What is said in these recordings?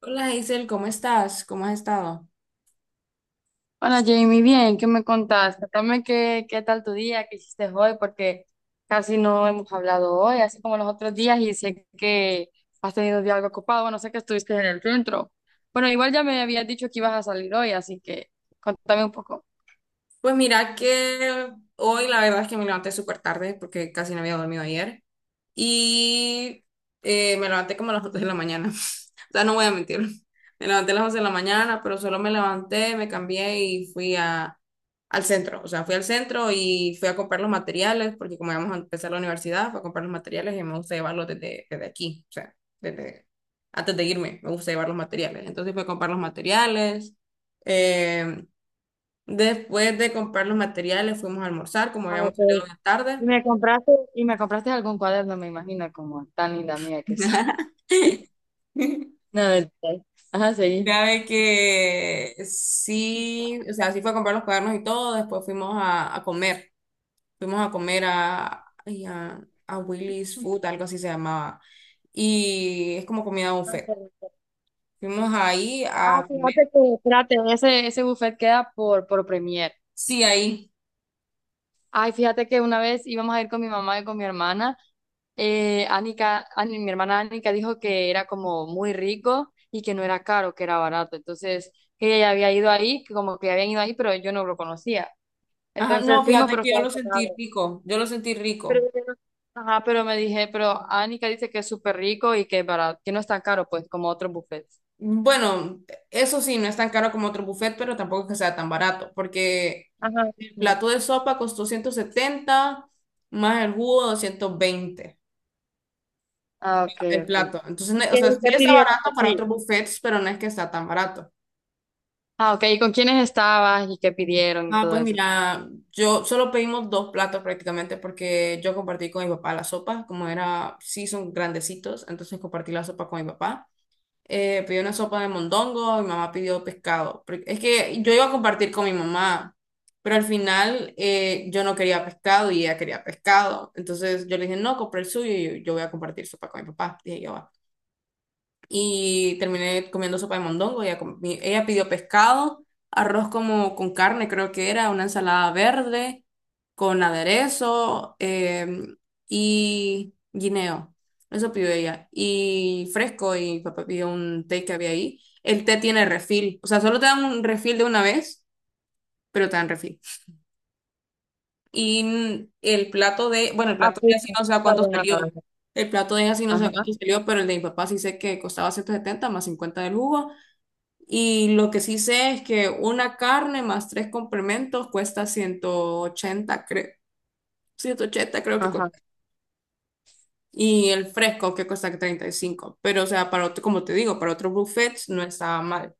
Hola Isel, ¿cómo estás? ¿Cómo has estado? Hola Jamie, bien, ¿qué me contás? Contame qué tal tu día, qué hiciste hoy, porque casi no hemos hablado hoy, así como los otros días, y sé que has tenido un día algo ocupado, bueno, sé que estuviste en el centro. Bueno, igual ya me habías dicho que ibas a salir hoy, así que contame un poco. Pues mira que hoy la verdad es que me levanté súper tarde porque casi no había dormido ayer. Y me levanté como a las 11 de la mañana. O sea, no voy a mentir. Me levanté a las 11 de la mañana, pero solo me levanté, me cambié y fui al centro. O sea, fui al centro y fui a comprar los materiales, porque como íbamos a empezar la universidad, fui a comprar los materiales y me gusta llevarlos desde aquí. O sea, desde, antes de irme, me gusta llevar los materiales. Entonces fui a comprar los materiales. eh, Después de comprar los materiales, fuimos a almorzar, como Ah, habíamos ok. salido de tarde. Y me compraste algún cuaderno, me imagino, como tan linda mía que soy. No, mentira. Ajá, sí. Mira, de que sí, o sea, sí fue a comprar los cuadernos y todo, después fuimos a comer, fuimos a comer a Willy's Food, algo así se llamaba, y es como comida Ah, buffet. qué rico. Fuimos ahí Ah, a comer, fíjate que, espérate, ese, buffet queda por Premier. sí, ahí. Ay, fíjate que una vez íbamos a ir con mi mamá y con mi hermana. Mi hermana Anika dijo que era como muy rico y que no era caro, que era barato. Entonces, que ella ya había ido ahí, que como que habían ido ahí, pero yo no lo conocía. Ajá, no, Entonces fuimos, fíjate pero que yo estaba lo sentí cerrado. rico, yo lo sentí Pero, rico. yo no- ajá, pero me dije, pero Anika dice que es súper rico y que es barato, que no es tan caro, pues, como otros buffets. Bueno, eso sí, no es tan caro como otro buffet, pero tampoco es que sea tan barato, porque Ajá. el Sí. plato de sopa costó 170 más el jugo 220 Ah, ok, el ok. plato. Entonces, ¿Y o qué, sea, qué sí está pidieron barato para así? otros buffets, pero no es que está tan barato. Ah, ok. ¿Y con quiénes estabas y qué pidieron y Ah, todo pues eso? mira, yo solo pedimos dos platos prácticamente porque yo compartí con mi papá la sopa, como era, sí son grandecitos, entonces compartí la sopa con mi papá. Pedí una sopa de mondongo, mi mamá pidió pescado. Es que yo iba a compartir con mi mamá, pero al final yo no quería pescado y ella quería pescado. Entonces yo le dije, no, compré el suyo y yo voy a compartir sopa con mi papá. Dije yo, "Va". Y terminé comiendo sopa de mondongo. Ella pidió pescado, arroz como con carne, creo que era, una ensalada verde con aderezo y guineo. Eso pidió ella. Y fresco, y papá pidió un té que había ahí. El té tiene refil, o sea, solo te dan un refil de una vez, pero te dan refil. Y bueno, el Ah, plato de pues, así no sé a está cuánto bien, salió. Ana. El plato de así no sé a Ajá, cuánto salió, pero el de mi papá sí sé que costaba 170 más 50 del jugo y lo que sí sé es que una carne más tres complementos cuesta 180, creo. 180 creo que ajá. cuesta. Y el fresco que cuesta 35. Pero, o sea, para otro, como te digo, para otros buffets no estaba mal.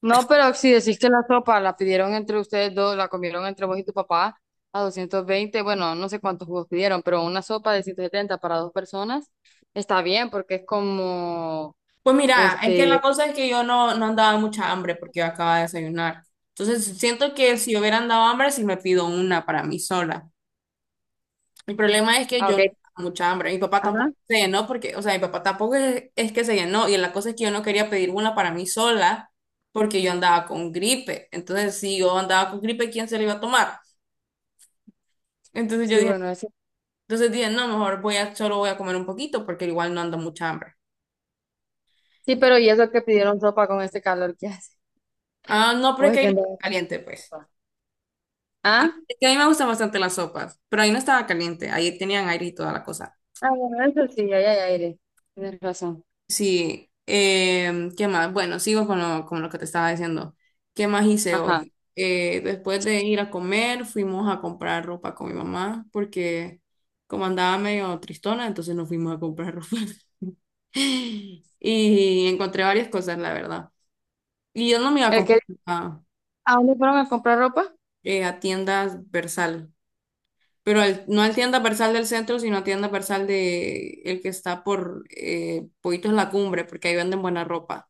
No, pero si decís que la sopa la pidieron entre ustedes dos, la comieron entre vos y tu papá a 220, bueno, no sé cuántos jugos pidieron, pero una sopa de 170 para dos personas está bien porque es como, Pues mira, es que la este... cosa es que yo no andaba mucha hambre porque yo acababa de desayunar. Entonces siento que si hubiera andado hambre, sí me pido una para mí sola. El problema es que Ah, yo no ok. tenía mucha hambre. Mi papá tampoco Ajá. se llenó porque, o sea, mi papá tampoco es que se llenó. Y la cosa es que yo no quería pedir una para mí sola porque yo andaba con gripe. Entonces, si yo andaba con gripe, ¿quién se la iba a tomar? Entonces yo Sí, dije, bueno, eso. entonces dije, no, mejor solo voy a comer un poquito porque igual no ando mucha hambre. Sí, Eh, pero ¿y eso que pidieron sopa con este calor que hace? Ah, no, pero ¿O es que es ahí que no no estaba hay caliente, pues. sopa? ¿Ah? Es que a mí me gustan bastante las sopas, pero ahí no estaba caliente. Ahí tenían aire y toda la cosa. Ah, bueno, eso sí, ahí hay aire. Tienes razón. Sí, ¿qué más? Bueno, sigo con lo que te estaba diciendo. ¿Qué más hice Ajá. hoy? Después de ir a comer, fuimos a comprar ropa con mi mamá, porque como andaba medio tristona, entonces nos fuimos a comprar ropa. Y encontré varias cosas, la verdad. Y yo no me iba a ¿El comprar que... a, ¿A dónde fueron a comprar ropa? A tiendas Versal, pero no al tienda Versal del centro, sino a tienda Versal de el que está por Poitos La Cumbre, porque ahí venden buena ropa.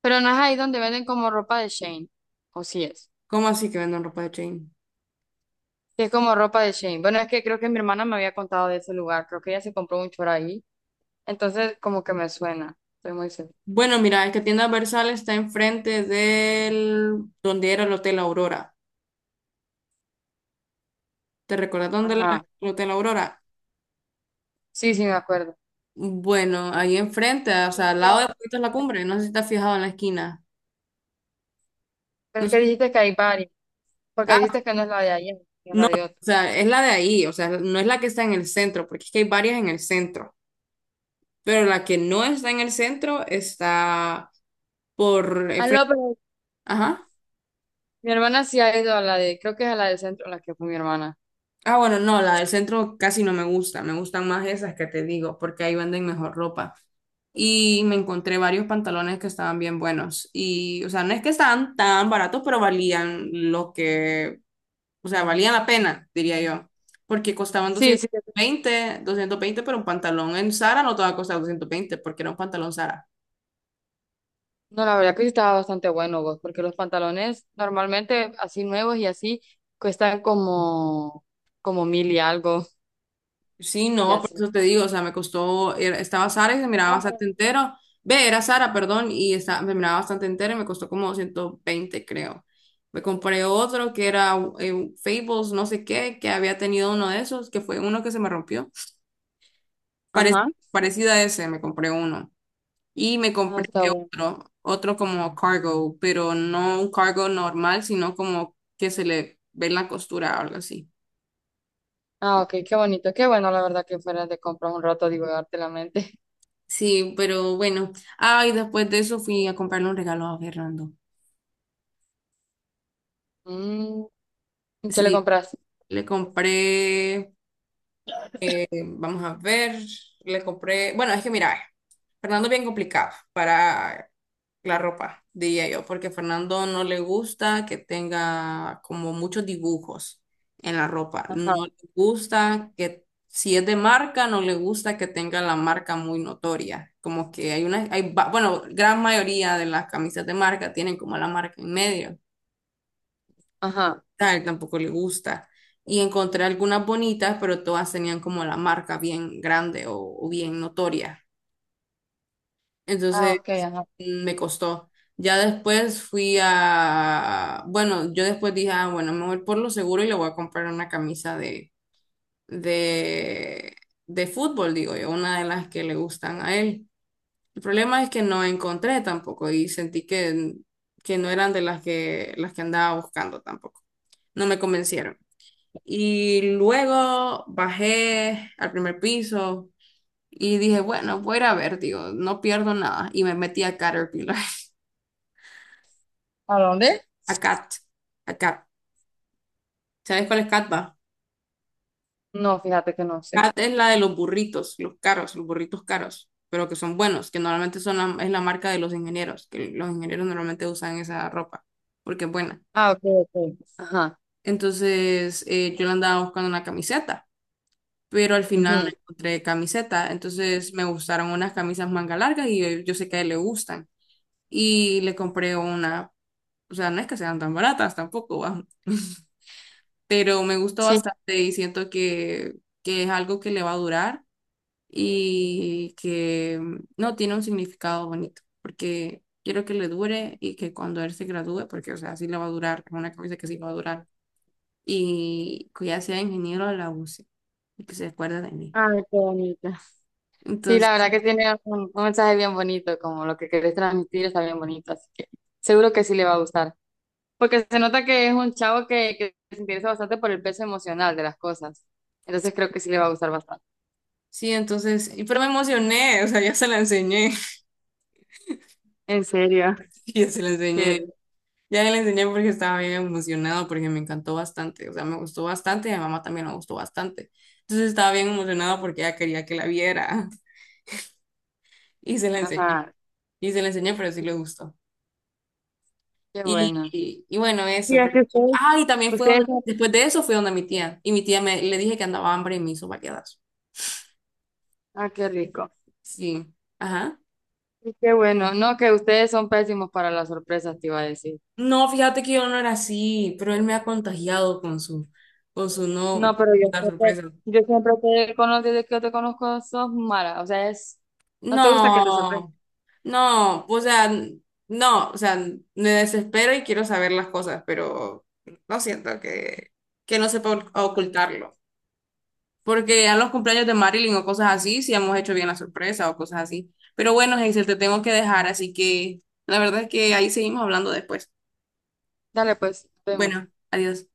Pero no es ahí donde venden como ropa de Shane, o sí es. ¿Cómo así que venden ropa de chain? Sí es como ropa de Shane. Bueno, es que creo que mi hermana me había contado de ese lugar, creo que ella se compró un choro ahí, entonces como que me suena, estoy muy segura. Bueno, mira, es que tienda Versal está enfrente del donde era el Hotel Aurora. ¿Te recuerdas dónde era Ajá, el Hotel Aurora? sí, sí, me acuerdo. Bueno, ahí enfrente, o Pero sea, es al que hay lado de Puerto La varias. Cumbre, no sé si te has fijado en la esquina. Pero No es que sé- dijiste que hay varios, porque ah, dijiste que no es la de ayer, que es la no, de otra. o sea, es la de ahí, o sea, no es la que está en el centro, porque es que hay varias en el centro, pero la que no está en el centro está por el Ah, frente. no, pero Ajá. mi hermana sí ha ido a la de, creo que es a la del centro, la que fue mi hermana. Ah, bueno, no, la del centro casi no me gusta, me gustan más esas que te digo, porque ahí venden mejor ropa. Y me encontré varios pantalones que estaban bien buenos. Y, o sea, no es que estaban tan baratos, pero valían lo que, o sea, valían la pena, diría yo. Porque costaban Sí, doscientos sí. veinte, doscientos veinte, pero un pantalón en Zara no te va a costar 220, porque era un pantalón Zara. No, la verdad que sí estaba bastante bueno vos, porque los pantalones normalmente así nuevos y así cuestan como, como mil y algo Sí, y no, por así. eso te digo, o sea, me costó, estaba Sara y se miraba bastante entero, ve, era Sara, perdón, y me miraba bastante entero y me costó como 120, creo. Me compré otro que era Fables, no sé qué, que había tenido uno de esos, que fue uno que se me rompió. Parec- Ajá. parecido a ese, me compré uno. Y me Ah, compré está bueno. otro como cargo, pero no un cargo normal, sino como que se le ve la costura o algo así. Ah, ok, qué bonito. Qué bueno, la verdad que fuera de comprar un rato, divagarte la mente. Sí, pero bueno. Ay, después de eso fui a comprarle un regalo a Fernando. Mm, ¿qué le Sí, compras? le compré. Este, vamos a ver, le compré, bueno, es que mira, Fernando es bien complicado para la ropa, diría yo, porque a Fernando no le gusta que tenga como muchos dibujos en la ropa, Ajá, no le gusta que, si es de marca, no le gusta que tenga la marca muy notoria, como que hay una, bueno, gran mayoría de las camisas de marca tienen como la marca en medio ajá. tal, tampoco le gusta. Y encontré algunas bonitas, pero todas tenían como la marca bien grande o bien notoria. Ah, Entonces ok, ajá. Me costó. Ya después bueno, yo después dije, ah, bueno, me voy por lo seguro y le voy a comprar una camisa de, de fútbol, digo yo, una de las que le gustan a él. El problema es que no encontré tampoco y sentí que no eran de las que, andaba buscando tampoco. No me convencieron. Y luego bajé al primer piso y dije, bueno, voy a ir a ver, digo, no pierdo nada. Y me metí a Caterpillar, ¿A dónde? a Cat, a Cat. ¿Sabes cuál es Cat, va? No, fíjate que no sé. Cat es la de los burritos, los caros, los burritos caros, pero que son buenos, que normalmente son es la marca de los ingenieros, que los ingenieros normalmente usan esa ropa, porque es buena. Ah, ok, ok. Ajá. Entonces, yo le andaba buscando una camiseta, pero al final no Ujú. encontré camiseta. Entonces, me gustaron unas camisas manga largas y yo sé que a él le gustan. Y le compré una, o sea, no es que sean tan baratas tampoco, va, pero me gustó Sí. bastante y siento que es algo que le va a durar y que no tiene un significado bonito, porque quiero que le dure y que cuando él se gradúe, porque o sea, sí le va a durar, es una camisa que sí va a durar, y que ya sea ingeniero la use y que se acuerde de mí. Ay, qué bonito. Sí, Entonces, la verdad que tiene un mensaje bien bonito, como lo que querés transmitir está bien bonito, así que seguro que sí le va a gustar. Porque se nota que es un chavo que se interesa bastante por el peso emocional de las cosas. Entonces creo que sí le va a gustar bastante. sí, entonces, pero me emocioné, o sea, ya se la enseñé, ¿En serio? ya se la Qué- enseñé. Ya le enseñé porque estaba bien emocionado, porque me encantó bastante, o sea, me gustó bastante y a mi mamá también le gustó bastante. Entonces estaba bien emocionado porque ella quería que la viera y se la enseñé, Ajá, y se la enseñé, pero sí sí, le gustó. qué Y, bueno. y, y bueno, Sí, eso. es Pero, que ustedes, ah, y también fue ustedes donde, son- después de eso fue donde mi tía, y mi tía le dije que andaba hambre y me hizo variadas. Ah, qué rico. Sí, ajá. Sí, qué bueno. No, que ustedes son pésimos para las sorpresas, te iba a decir. No, fíjate que yo no era así, pero él me ha contagiado con su no, No, pero yo la siempre, sorpresa. Conozco desde que yo te conozco sos mala. O sea, es, no te gusta que te sorprendan. No, no, o sea, no, o sea, me desespero y quiero saber las cosas, pero lo siento que no sepa ocultarlo. Porque a los cumpleaños de Marilyn o cosas así, sí hemos hecho bien la sorpresa o cosas así. Pero bueno, Hazel, te tengo que dejar, así que la verdad es que ahí seguimos hablando después. Dale, pues, vemos. Bueno, adiós.